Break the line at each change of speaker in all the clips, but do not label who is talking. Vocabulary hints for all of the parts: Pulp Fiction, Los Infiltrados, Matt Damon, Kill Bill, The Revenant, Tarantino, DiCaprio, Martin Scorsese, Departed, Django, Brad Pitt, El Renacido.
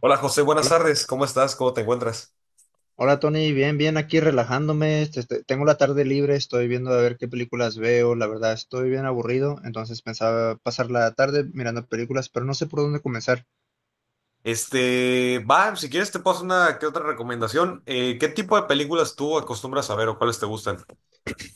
Hola José, buenas
Hola,
tardes. ¿Cómo estás? ¿Cómo te encuentras?
hola Tony, bien, bien, aquí relajándome. Tengo la tarde libre, estoy viendo a ver qué películas veo. La verdad, estoy bien aburrido, entonces pensaba pasar la tarde mirando películas, pero no sé por dónde comenzar.
Va, si quieres te paso una que otra recomendación. ¿Qué tipo de películas tú acostumbras a ver o cuáles te gustan?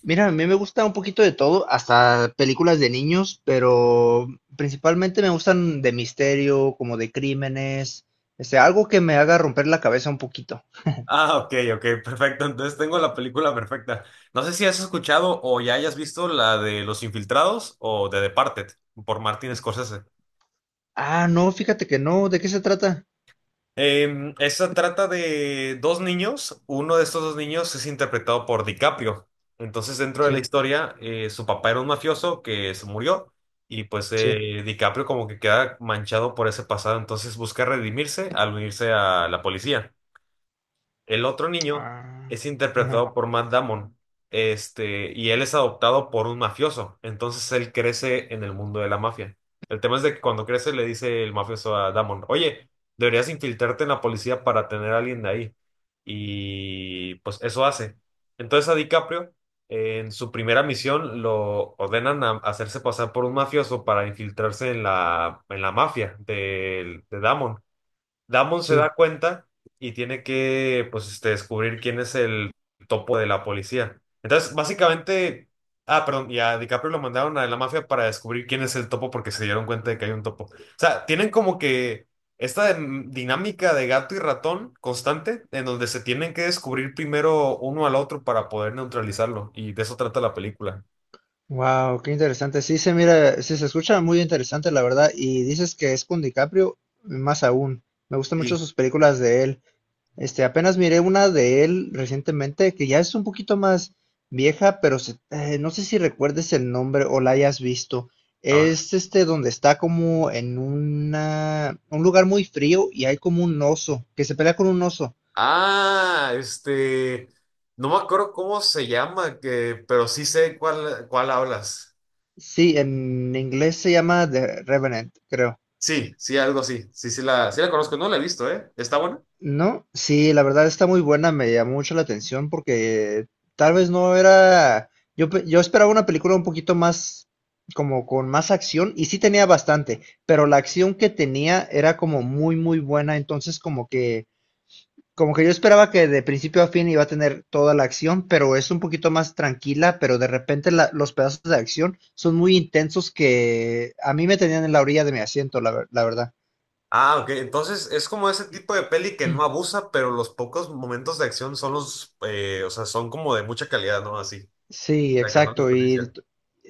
Mira, a mí me gusta un poquito de todo, hasta películas de niños, pero principalmente me gustan de misterio, como de crímenes, algo que me haga romper la cabeza un poquito.
Ah, ok, ok, perfecto. Entonces tengo la película perfecta. No sé si has escuchado o ya hayas visto la de Los Infiltrados o de Departed por Martin Scorsese.
Ah, no, fíjate que no, ¿de qué se trata?
Esa trata de dos niños. Uno de estos dos niños es interpretado por DiCaprio. Entonces, dentro de la
Sí,
historia, su papá era un mafioso que se murió, y pues
sí.
DiCaprio como que queda manchado por ese pasado. Entonces busca redimirse al unirse a la policía. El otro niño
Ah,
es
ajá,
interpretado por Matt Damon, y él es adoptado por un mafioso. Entonces él crece en el mundo de la mafia. El tema es de que cuando crece le dice el mafioso a Damon: oye, deberías infiltrarte en la policía para tener a alguien de ahí. Y pues eso hace. Entonces a DiCaprio, en su primera misión, lo ordenan a hacerse pasar por un mafioso para infiltrarse en la mafia de Damon. Damon se
sí.
da cuenta y tiene que, pues, descubrir quién es el topo de la policía. Entonces, básicamente, ah, perdón, y a DiCaprio lo mandaron a la mafia para descubrir quién es el topo porque se dieron cuenta de que hay un topo. O sea, tienen como que esta dinámica de gato y ratón constante en donde se tienen que descubrir primero uno al otro para poder neutralizarlo. Y de eso trata la película.
Wow, qué interesante. Sí se mira, sí se escucha muy interesante, la verdad. Y dices que es con DiCaprio, más aún. Me gustan mucho
Sí.
sus películas de él. Apenas miré una de él recientemente que ya es un poquito más vieja, pero no sé si recuerdes el nombre o la hayas visto. Es este donde está como en un lugar muy frío y hay como un oso que se pelea con un oso.
Ah, no me acuerdo cómo se llama, que, pero sí sé cuál hablas.
Sí, en inglés se llama The Revenant, creo.
Sí, sí, algo así. Sí, sí la conozco, no la he visto, ¿eh? ¿Está buena?
¿No? Sí, la verdad está muy buena, me llamó mucho la atención porque tal vez no era, yo esperaba una película un poquito más, como con más acción, y sí tenía bastante, pero la acción que tenía era como muy, muy buena, entonces como que yo esperaba que de principio a fin iba a tener toda la acción, pero es un poquito más tranquila, pero de repente los pedazos de acción son muy intensos que a mí me tenían en la orilla de mi asiento, la verdad.
Ah, ok. Entonces es como ese tipo de peli que no abusa, pero los pocos momentos de acción son los, o sea, son como de mucha calidad, ¿no? Así,
Sí,
o sea, que no
exacto. Y
desperdician.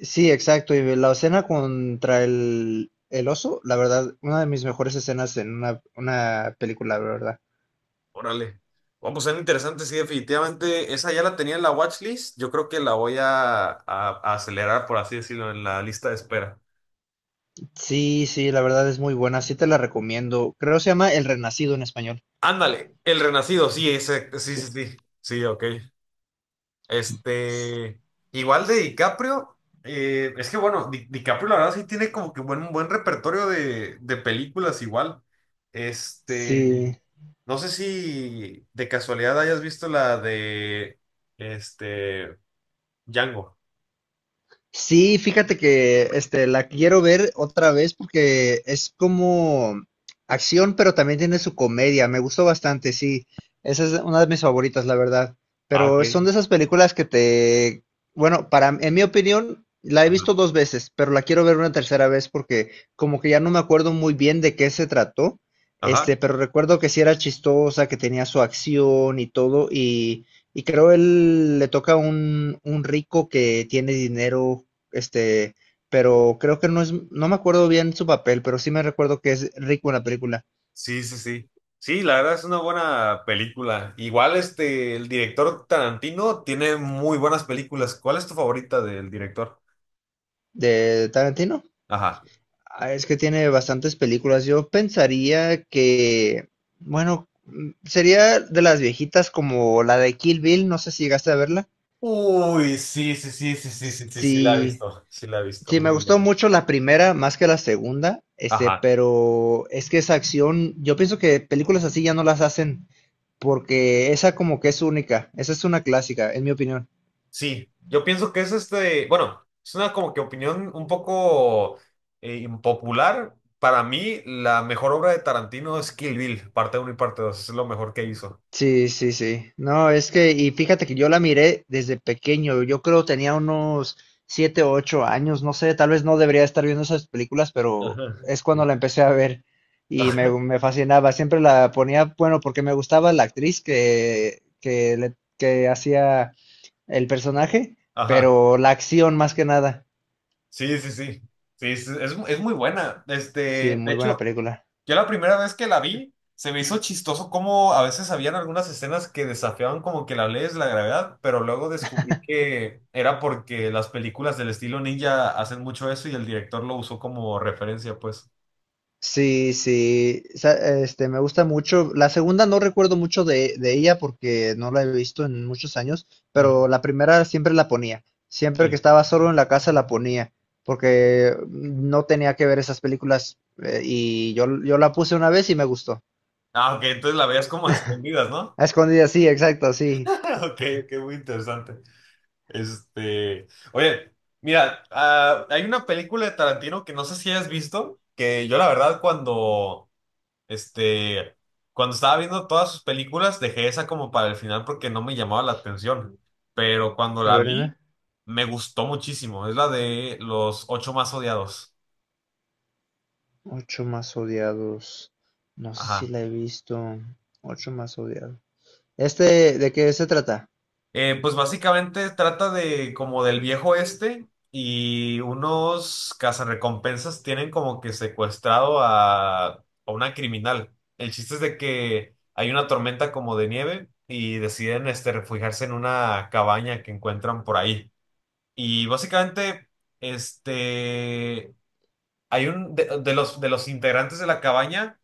sí, exacto. Y la escena contra el oso, la verdad, una de mis mejores escenas en una película, la verdad.
Órale. Vamos, ser interesante, sí, definitivamente. Esa ya la tenía en la watchlist. Yo creo que la voy a, acelerar, por así decirlo, en la lista de espera.
Sí, sí, la verdad es muy buena. Sí te la recomiendo. Creo se llama El Renacido en español.
Ándale, El Renacido, sí, ese, sí,
Sí.
sí, sí, sí, ok.
S-
Este, igual de DiCaprio, es que bueno, DiCaprio la verdad sí tiene como que buen, un buen repertorio de películas igual. Este,
Sí.
no sé si de casualidad hayas visto la este, Django.
Sí, fíjate que la quiero ver otra vez porque es como acción, pero también tiene su comedia. Me gustó bastante, sí. Esa es una de mis favoritas, la verdad.
Ah, ok.
Pero son de esas películas que te, bueno, para, en mi opinión, la he
Ajá.
visto dos veces, pero la quiero ver una tercera vez porque como que ya no me acuerdo muy bien de qué se trató.
Ajá.
Pero recuerdo que sí era chistosa, que tenía su acción y todo, y creo él le toca un rico que tiene dinero, este, pero creo que no es, no me acuerdo bien su papel, pero sí me recuerdo que es rico en la película
Sí, sí, sí. Sí, la verdad es una buena película. Igual este, el director Tarantino tiene muy buenas películas. ¿Cuál es tu favorita del director?
de Tarantino.
Ajá.
Ah, es que tiene bastantes películas. Yo pensaría que, bueno, sería de las viejitas como la de Kill Bill, no sé si llegaste a verla.
Uy, sí, sí, sí, sí, sí, sí, sí, sí, la he
Sí,
visto. Sí, la he visto,
sí, me
muy
gustó
buena.
mucho la primera más que la segunda,
Ajá.
pero es que esa acción, yo pienso que películas así ya no las hacen porque esa como que es única, esa es una clásica, en mi opinión.
Sí, yo pienso que es bueno, es una como que opinión un poco impopular. Para mí, la mejor obra de Tarantino es Kill Bill, parte uno y parte 2. Es lo mejor que hizo.
Sí, sí, sí. No, es que, y fíjate que yo la miré desde pequeño, yo creo tenía unos 7 u 8 años, no sé, tal vez no debería estar viendo esas películas, pero
Ajá.
es cuando
Sí.
la empecé a ver y me, me fascinaba, siempre la ponía, bueno, porque me gustaba la actriz que hacía el personaje,
Ajá.
pero la acción más que nada.
Sí, sí, sí. Sí, es, es muy buena.
Sí,
Este, de
muy buena
hecho,
película.
yo la primera vez que la vi, se me hizo chistoso cómo a veces habían algunas escenas que desafiaban como que la ley es la gravedad, pero luego descubrí que era porque las películas del estilo ninja hacen mucho eso y el director lo usó como referencia, pues.
Sí, sí, me gusta mucho. La segunda no recuerdo mucho de ella porque no la he visto en muchos años,
Ujú.
pero la primera siempre la ponía. Siempre que
Sí.
estaba solo en la casa la ponía, porque no tenía que ver esas películas y yo la puse una vez y me gustó.
Ah, ok, entonces la veías como a escondidas, ¿no?
A escondidas, sí, exacto, sí.
Ok, qué muy interesante. Oye, mira, ah, hay una película de Tarantino que no sé si hayas visto, que yo la verdad cuando, este, cuando estaba viendo todas sus películas dejé esa como para el final porque no me llamaba la atención, pero cuando
A
la
ver, dime.
vi me gustó muchísimo, es la de los ocho más odiados.
Ocho más odiados. No sé si
Ajá.
la he visto. Ocho más odiados. ¿De qué se trata?
Pues básicamente trata de como del viejo este y unos cazarrecompensas tienen como que secuestrado a una criminal. El chiste es de que hay una tormenta como de nieve y deciden este, refugiarse en una cabaña que encuentran por ahí. Y básicamente este, hay un de los integrantes de la cabaña,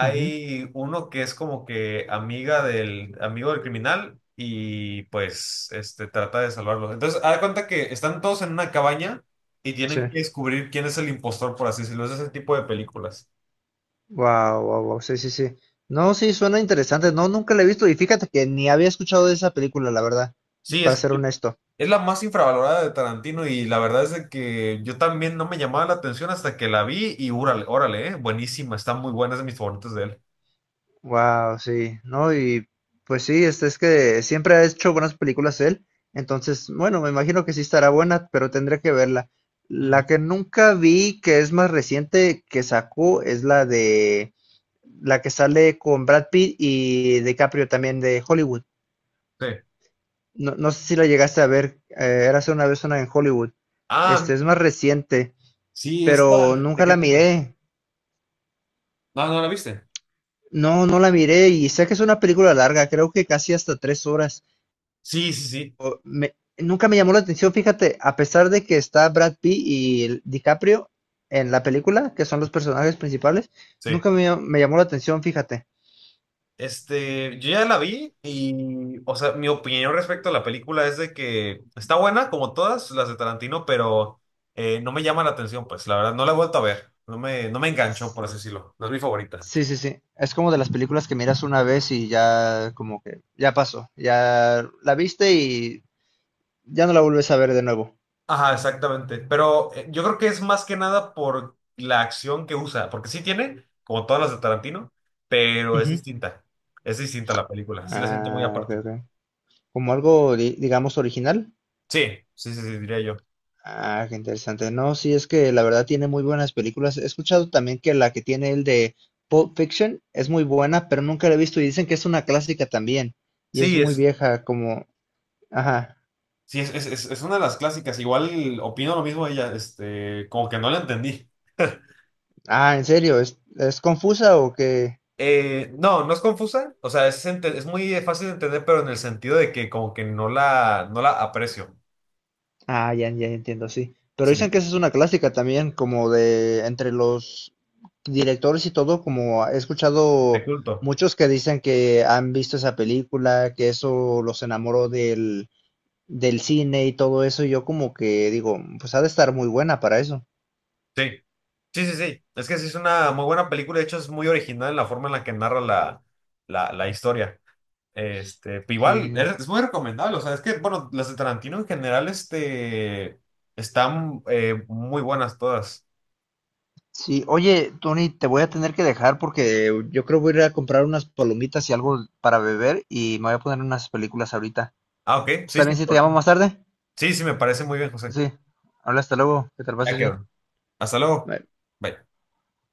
Ujú,
uno que es como que amiga del amigo del criminal y pues este trata de salvarlo. Entonces, haz de cuenta que están todos en una cabaña y
sí.
tienen que descubrir quién es el impostor, por así decirlo. Es ese tipo de películas.
Wow, wow, wow. Sí, sí, sí. No, sí, suena interesante. No, nunca la he visto y fíjate que ni había escuchado de esa película, la verdad,
Sí,
para ser honesto.
es la más infravalorada de Tarantino y la verdad es de que yo también no me llamaba la atención hasta que la vi y órale, órale, buenísima, está muy buena, es de mis favoritos de él.
Wow, sí. No, y pues sí, es que siempre ha hecho buenas películas él. Entonces, bueno, me imagino que sí estará buena, pero tendré que verla.
Ujú.
La que nunca vi, que es más reciente, que sacó, es la que sale con Brad Pitt y DiCaprio también de Hollywood.
Sí.
No, no sé si la llegaste a ver, era hace una vez una en Hollywood.
Ah,
Este es más reciente,
sí,
pero
esta. ¿De
nunca
qué
la
trata?
miré.
No, no la viste.
No, no la miré y sé que es una película larga, creo que casi hasta 3 horas.
Sí, sí, sí,
Nunca me llamó la atención, fíjate, a pesar de que está Brad Pitt y el DiCaprio en la película, que son los personajes principales,
sí.
nunca me llamó la atención, fíjate.
Este, yo ya la vi y, o sea, mi opinión respecto a la película es de que está buena como todas las de Tarantino, pero no me llama la atención, pues, la verdad, no la he vuelto a ver. No me enganchó,
S-
por así decirlo. No es mi favorita.
Sí, sí, sí. Es como de las películas que miras una vez y ya como que ya pasó, ya la viste y ya no la vuelves a ver de nuevo.
Ajá, exactamente. Pero yo creo que es más que nada por la acción que usa, porque sí tiene, como todas las de Tarantino, pero es
Ujú.
distinta. Es distinta la película. Sí la siento muy
Ah, ok,
aparte.
ok. Como algo, digamos, original.
Sí, sí, sí, sí, diría yo.
Ah, qué interesante. No, sí, es que la verdad tiene muy buenas películas. He escuchado también que la que tiene el de Pulp Fiction es muy buena, pero nunca la he visto y dicen que es una clásica también. Y es
Sí,
muy vieja, como... Ajá.
sí, es una de las clásicas. Igual opino lo mismo de ella, este, como que no la entendí.
Ah, ¿en serio? Es confusa o qué?
No, no es confusa, o sea, es muy fácil de entender, pero en el sentido de que como que no no la aprecio.
Ah, ya, ya entiendo, sí. Pero
Sí,
dicen que esa es una clásica también, como de entre los directores y todo, como he
de
escuchado
culto.
muchos que dicen que han visto esa película, que eso los enamoró del cine y todo eso, y yo como que digo, pues ha de estar muy buena para eso.
Sí, sí, sí, sí. Es que sí es una muy buena película, de hecho es muy original la forma en la que narra la historia. Pero igual,
Sí.
es muy recomendable. O sea, es que, bueno, las de Tarantino en general, están muy buenas todas.
Sí, oye, Tony, te voy a tener que dejar porque yo creo voy a ir a comprar unas palomitas y algo para beber y me voy a poner unas películas ahorita.
Ah, ok, sí,
¿Está bien
sin
si te llamo
problema.
más tarde?
Sí, sí, me parece muy bien, José.
Sí. Hola, hasta luego, que te la
Ya
pases bien.
quedó. Hasta luego.
Bye.
Bye.